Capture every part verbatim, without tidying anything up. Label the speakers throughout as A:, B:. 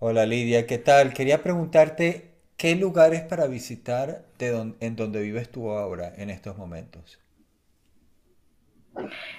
A: Hola Lidia, ¿qué tal? Quería preguntarte qué lugares para visitar de don- en donde vives tú ahora, en estos momentos.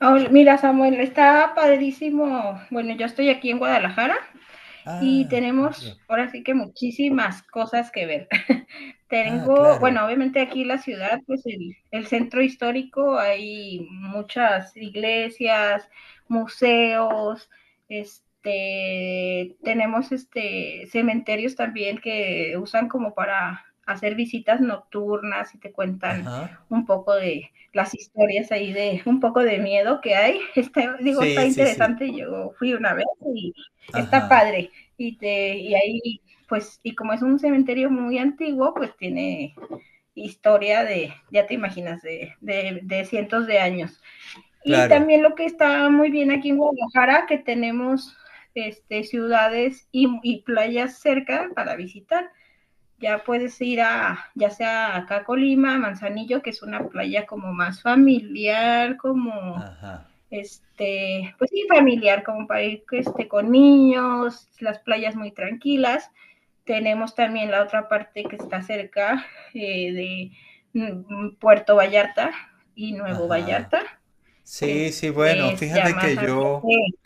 B: Oh, mira, Samuel, está padrísimo. Bueno, yo estoy aquí en Guadalajara y
A: Ah, muy
B: tenemos
A: bien.
B: ahora sí que muchísimas cosas que ver.
A: Ah,
B: Tengo, bueno,
A: claro.
B: obviamente aquí la ciudad, pues el, el centro histórico, hay muchas iglesias, museos, este, tenemos este cementerios también que usan como para hacer visitas nocturnas y te cuentan
A: Ajá.
B: un poco de las historias ahí de un poco de miedo que hay. Está, digo, está
A: Sí, sí, sí.
B: interesante. Yo fui una vez y está
A: Ajá.
B: padre. Y, te, y ahí pues, y como es un cementerio muy antiguo, pues tiene historia de, ya te imaginas, de, de, de cientos de años. Y
A: Claro.
B: también lo que está muy bien aquí en Guadalajara, que tenemos este, ciudades y, y playas cerca para visitar. Ya puedes ir a, ya sea acá a Colima, Manzanillo, que es una playa como más familiar, como
A: Ajá.
B: este, pues sí, familiar, como para ir este, con niños, las playas muy tranquilas. Tenemos también la otra parte que está cerca eh, de mm, Puerto Vallarta y Nuevo
A: Ajá.
B: Vallarta, que
A: Sí,
B: es,
A: sí, bueno,
B: que es ya
A: fíjate que
B: más
A: yo,
B: ambiente.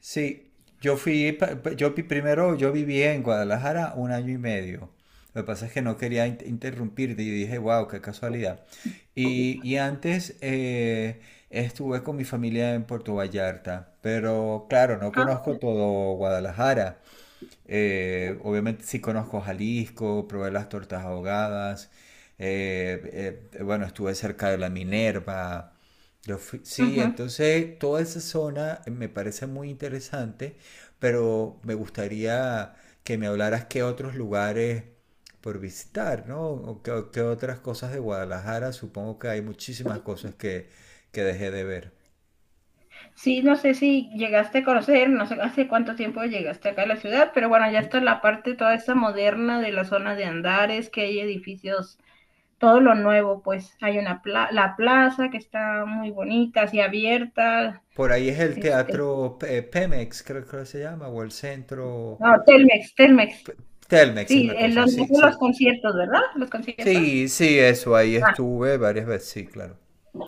A: sí, yo fui, pa- pa- yo vi- primero yo viví en Guadalajara un año y medio. Lo que pasa es que no quería in- interrumpirte y dije, wow, qué casualidad. Y, y antes eh, estuve con mi familia en Puerto Vallarta, pero claro, no
B: Ah,
A: conozco todo Guadalajara. Eh, obviamente sí conozco Jalisco, probé las tortas ahogadas. Eh, eh, bueno, estuve cerca de la Minerva. Yo fui-
B: uh
A: sí,
B: -huh.
A: entonces toda esa zona me parece muy interesante, pero me gustaría que me hablaras qué otros lugares por visitar, ¿no? O qué, qué otras cosas de Guadalajara. Supongo que hay muchísimas cosas que, que dejé de ver.
B: Sí, no sé si llegaste a conocer, no sé hace cuánto tiempo llegaste acá a la ciudad, pero bueno, ya está la parte toda esta moderna de la zona de Andares, que hay edificios todo lo nuevo, pues hay una pla la plaza que está muy bonita, así abierta,
A: Por ahí es el
B: este,
A: teatro eh, Pemex, creo que se llama, o el centro.
B: no, Telmex, Telmex.
A: Telmex es
B: Sí,
A: la
B: el
A: cosa,
B: donde
A: sí,
B: hacen los
A: sí.
B: conciertos, ¿verdad? Los conciertos.
A: Sí, sí, eso, ahí
B: Ah,
A: estuve varias veces, sí, claro.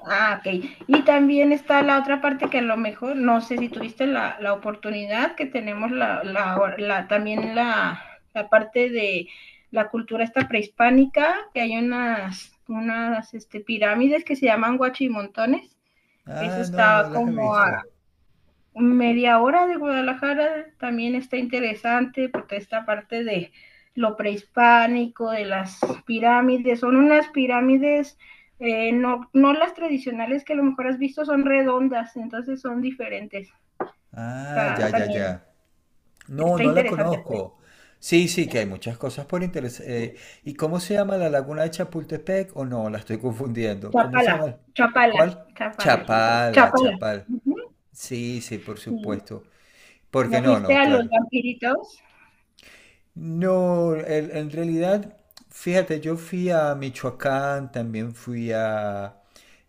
B: ah, ok. Y también está la otra parte que a lo mejor, no sé si tuviste la, la oportunidad que tenemos la, la, la también la, la parte de la cultura esta prehispánica, que hay unas, unas este, pirámides que se llaman guachimontones. Eso
A: Ah, no, no
B: está
A: las he
B: como a
A: visto.
B: media hora de Guadalajara, también está interesante porque esta parte de lo prehispánico, de las pirámides, son unas pirámides, eh, no, no las tradicionales que a lo mejor has visto, son redondas, entonces son diferentes.
A: Ah,
B: Está,
A: ya, ya,
B: también
A: ya. No,
B: está
A: no la
B: interesante, pues.
A: conozco. Sí, sí, que hay muchas cosas por interés. Eh, ¿y cómo se llama la laguna de Chapultepec? ¿O no? La estoy confundiendo. ¿Cómo se
B: Chapala,
A: llama?
B: Chapala,
A: ¿Cuál?
B: Chapala,
A: Chapala,
B: Chapala.
A: Chapal.
B: Ujú.
A: Sí, sí, por
B: Y
A: supuesto. Porque
B: ¿no
A: no,
B: fuiste
A: no,
B: a los
A: claro.
B: vampiritos?
A: No, el en realidad, fíjate, yo fui a Michoacán, también fui a,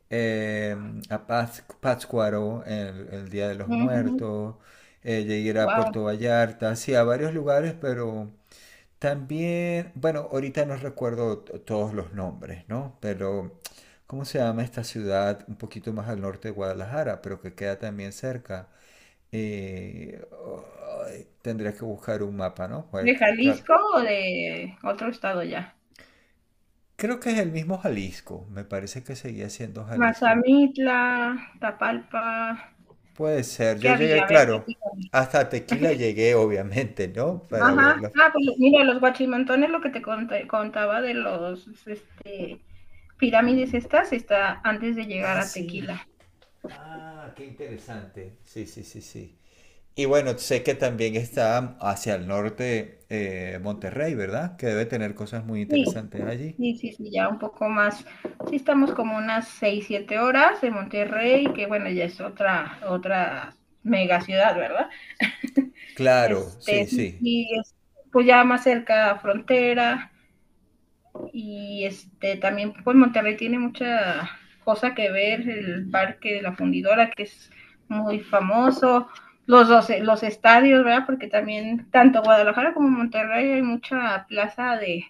A: eh, a Páz- Pátzcuaro el, el Día de los
B: Ujú.
A: Muertos, eh, llegué a ir a
B: Wow.
A: Puerto Vallarta, sí, a varios lugares, pero también, bueno, ahorita no recuerdo t- todos los nombres, ¿no? Pero, ¿cómo se llama esta ciudad un poquito más al norte de Guadalajara, pero que queda también cerca? Eh, ay, tendría que buscar un mapa, ¿no? Pues,
B: ¿De
A: claro.
B: Jalisco o de otro estado ya?
A: Creo que es el mismo Jalisco. Me parece que seguía siendo Jalisco.
B: Mazamitla, Tapalpa,
A: Puede ser.
B: ¿qué
A: Yo llegué,
B: había? A ver,
A: claro.
B: platícame.
A: Hasta Tequila llegué, obviamente, ¿no? Para
B: Ajá,
A: verla.
B: ah, pues mira, los guachimantones, lo que te conté- contaba de los este, pirámides estas, está antes de llegar
A: Ah,
B: a
A: sí.
B: Tequila.
A: Ah, qué interesante. Sí, sí, sí, sí. Y bueno, sé que también está hacia el norte eh, Monterrey, ¿verdad? Que debe tener cosas muy
B: Sí,
A: interesantes allí.
B: sí, sí, sí, ya un poco más. Sí, estamos como unas seis, siete horas de Monterrey, que bueno, ya es otra, otra mega ciudad, ¿verdad?
A: Claro,
B: Este,
A: sí,
B: sí,
A: sí.
B: sí, es, pues ya más cerca a frontera. Y este también pues Monterrey tiene mucha cosa que ver, el parque de la fundidora que es muy famoso, los, los, los estadios, ¿verdad? Porque también tanto Guadalajara como Monterrey hay mucha plaza de,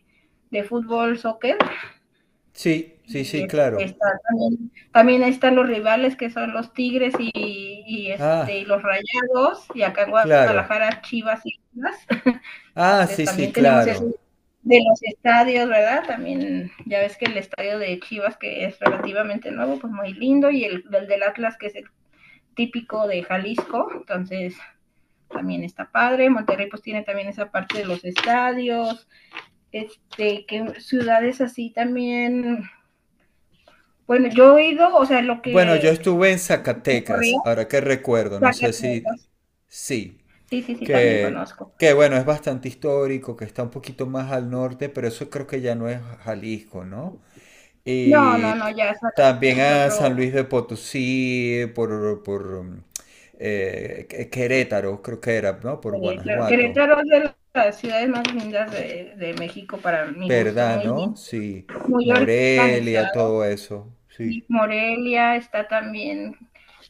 B: de fútbol, soccer,
A: Sí, sí,
B: y
A: sí,
B: este,
A: claro.
B: está, también, también están los rivales que son los Tigres y, y
A: Ah,
B: este, y los Rayados, y acá en
A: claro.
B: Guadalajara Chivas y Chivas.
A: Ah,
B: Entonces
A: sí, sí,
B: también tenemos eso
A: claro.
B: de los estadios, ¿verdad? También ya ves que el estadio de Chivas, que es relativamente nuevo, pues muy lindo, y el, el del Atlas, que es el típico de Jalisco, entonces también está padre. Monterrey pues tiene también esa parte de los estadios, este, que ciudades así también. Bueno, yo he ido, o sea, lo
A: Bueno, yo
B: que
A: estuve en
B: me ocurrió,
A: Zacatecas, ahora que recuerdo, no sé si
B: Zacatecas.
A: sí,
B: Sí, sí, sí, también
A: que,
B: conozco.
A: que bueno, es bastante histórico, que está un poquito más al norte, pero eso creo que ya no es Jalisco, ¿no?
B: No, no,
A: Y
B: no, ya
A: también
B: Zacatecas es
A: a San
B: otro.
A: Luis de Potosí, por, por eh, Qu- Querétaro, creo que era, ¿no? Por
B: Sí, claro.
A: Guanajuato,
B: Querétaro es de las ciudades más lindas de, de México para mi gusto,
A: ¿verdad,
B: muy
A: no?
B: limpio,
A: Sí,
B: muy organizado.
A: Morelia, todo eso, sí.
B: Y Morelia está también,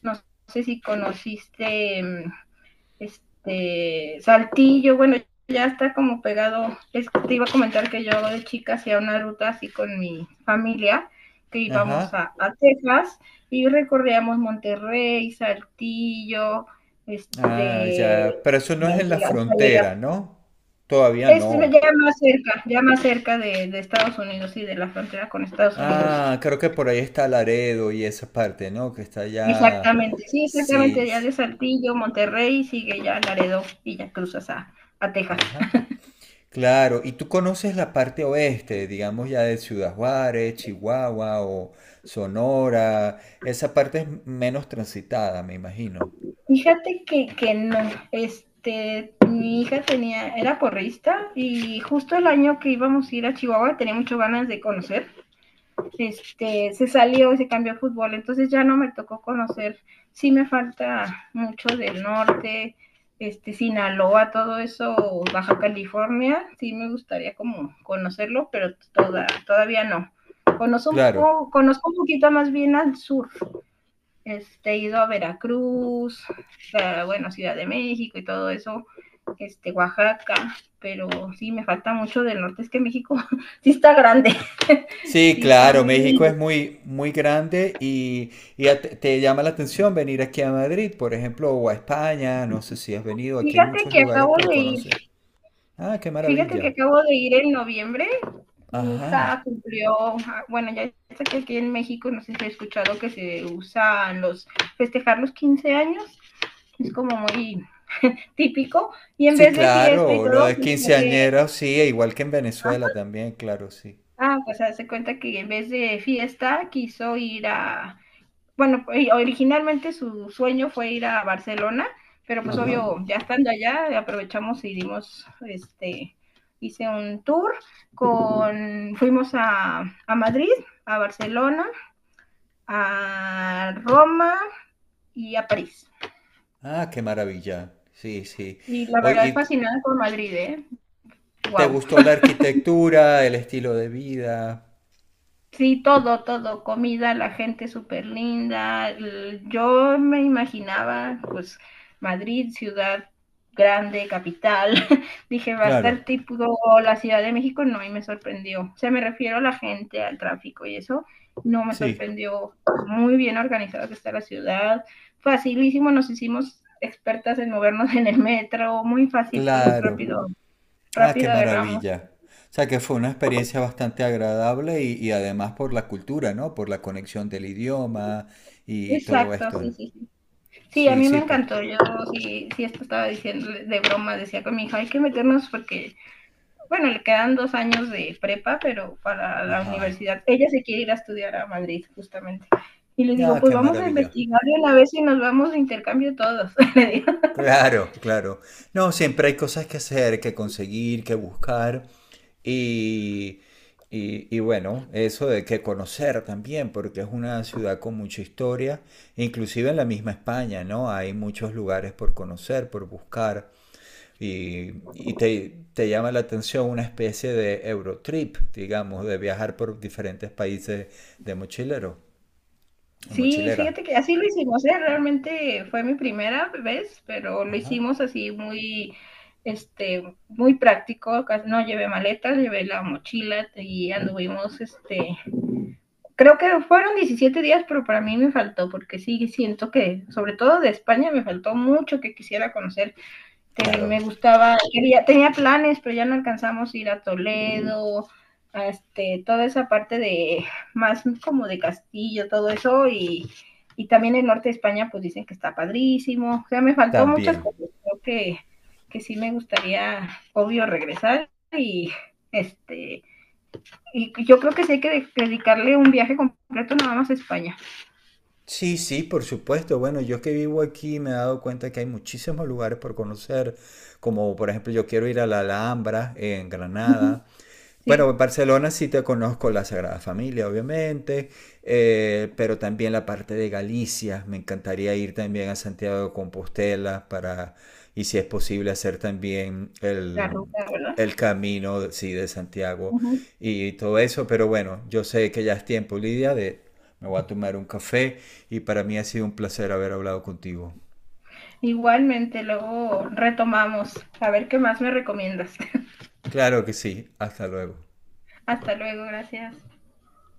B: no sé si conociste este Saltillo, bueno, ya está como pegado. Es, que te iba a comentar que yo de chica hacía una ruta así con mi familia, que íbamos
A: Ajá.
B: a, a Texas y recorríamos Monterrey, Saltillo,
A: Ah,
B: este,
A: ya. Pero eso no es en la
B: hasta llegar.
A: frontera, ¿no? Todavía
B: Es ya
A: no.
B: más cerca, ya más cerca de, de Estados Unidos y sí, de la frontera con Estados Unidos.
A: Ah, creo que por ahí está Laredo y esa parte, ¿no? Que está allá.
B: Exactamente, sí,
A: Sí,
B: exactamente, ya
A: sí.
B: de Saltillo, Monterrey, sigue ya Laredo y ya cruzas a, a Texas.
A: Ajá. Claro. Y tú conoces la parte oeste, digamos ya de Ciudad Juárez, Chihuahua o Sonora. Esa parte es menos transitada, me imagino.
B: Fíjate que, que no, este, mi hija tenía, era porrista y justo el año que íbamos a ir a Chihuahua tenía muchas ganas de conocer este, se salió y se cambió a fútbol, entonces ya no me tocó conocer, sí me falta mucho del norte, este, Sinaloa, todo eso, Baja California, sí me gustaría como conocerlo, pero toda, todavía no. Conozco un,
A: Claro.
B: poco, conozco un poquito más bien al sur, este, he ido a Veracruz, a, bueno, Ciudad de México y todo eso, este, Oaxaca, pero sí me falta mucho del norte, es que México sí está grande,
A: Sí,
B: sí está
A: claro,
B: muy
A: México es
B: grande.
A: muy, muy grande y, y a- te, te llama la atención venir aquí a Madrid, por ejemplo, o a España, no sé si has venido, aquí hay
B: Fíjate
A: muchos
B: que
A: lugares
B: acabo
A: por
B: de ir,
A: conocer. Ah, qué
B: fíjate que
A: maravilla.
B: acabo de ir en noviembre. Mi
A: Ajá.
B: hija cumplió, ah, bueno, ya sé que aquí en México, no sé si he escuchado que se usan los, festejar los quince años, es como muy típico, y en
A: Sí,
B: vez de fiesta y
A: claro, lo
B: todo,
A: de
B: pues hace,
A: quinceañeros, sí, e igual que en Venezuela también, claro, sí.
B: ah, pues hace cuenta que en vez de fiesta quiso ir a, bueno, originalmente su sueño fue ir a Barcelona, pero pues
A: Ajá.
B: obvio, ya estando allá, aprovechamos y dimos, este, hice un tour con, fuimos a, a Madrid, a Barcelona, a Roma y a París.
A: Ah, qué maravilla. Sí, sí.
B: Y la
A: Oye, ¿y
B: verdad,
A: t-
B: fascinada con Madrid, ¿eh?
A: te
B: ¡Wow!
A: gustó la arquitectura, el estilo de vida?
B: Sí, todo, todo, comida, la gente súper linda. l- Yo me imaginaba, pues, Madrid, ciudad grande, capital. Dije, va a
A: Claro,
B: estar tipo la Ciudad de México, no, y me sorprendió. O sea, me refiero a la gente, al tráfico y eso, no me
A: sí,
B: sorprendió. Muy bien organizada que está la ciudad, facilísimo, nos hicimos expertas en movernos en el metro, muy fácil, pues,
A: claro.
B: rápido,
A: Ah, qué
B: rápido agarramos.
A: maravilla. O sea que fue una experiencia bastante agradable y, y además por la cultura, ¿no? Por la conexión del idioma y todo
B: Exacto,
A: esto, ¿no?
B: sí, sí, sí. Sí, a
A: Sí,
B: mí me
A: sí, por...
B: encantó. Yo sí, sí esto estaba diciendo de broma, decía con mi hija, hay que meternos porque, bueno, le quedan dos años de prepa, pero para la
A: Ajá.
B: universidad. Ella se quiere ir a estudiar a Madrid, justamente. Y le digo,
A: Ah,
B: pues
A: qué
B: vamos a
A: maravilla.
B: investigar de una vez y nos vamos de intercambio todos. Le digo.
A: Claro, claro. No, siempre hay cosas que hacer, que conseguir, que buscar. Y, y, y bueno, eso de que conocer también, porque es una ciudad con mucha historia, inclusive en la misma España, ¿no? Hay muchos lugares por conocer, por buscar. Y, y te, te llama la atención una especie de Eurotrip, digamos, de viajar por diferentes países de mochilero, de
B: Sí,
A: mochilera.
B: fíjate que así lo hicimos, ¿eh? Realmente fue mi primera vez, pero lo
A: Ajá.
B: hicimos así muy, este, muy práctico. Casi no llevé maletas, llevé la mochila y anduvimos, este, creo que fueron diecisiete días, pero para mí me faltó, porque sí siento que, sobre todo de España, me faltó mucho que quisiera conocer. Que me
A: Claro,
B: gustaba, quería, tenía planes, pero ya no alcanzamos a ir a Toledo, a este, toda esa parte de más como de Castillo, todo eso, y, y también el norte de España, pues dicen que está padrísimo. O sea, me faltó muchas
A: también.
B: cosas. Creo que, que sí me gustaría, obvio, regresar y este y yo creo que sí hay que dedicarle un viaje completo nada más a España.
A: Sí, sí, por supuesto. Bueno, yo que vivo aquí me he dado cuenta que hay muchísimos lugares por conocer, como por ejemplo yo quiero ir a la Alhambra en
B: Uh -huh.
A: Granada.
B: Sí,
A: Bueno, en Barcelona sí te conozco la Sagrada Familia, obviamente, eh, pero también la parte de Galicia. Me encantaría ir también a Santiago de Compostela para, y si es posible, hacer también
B: la
A: el,
B: ruta, ¿verdad?
A: el camino sí, de Santiago
B: Uh -huh.
A: y todo eso. Pero bueno, yo sé que ya es tiempo, Lidia, de me voy a tomar un café y para mí ha sido un placer haber hablado contigo.
B: Igualmente, luego retomamos. A ver qué más me recomiendas.
A: Claro que sí, hasta luego.
B: Hasta luego, gracias.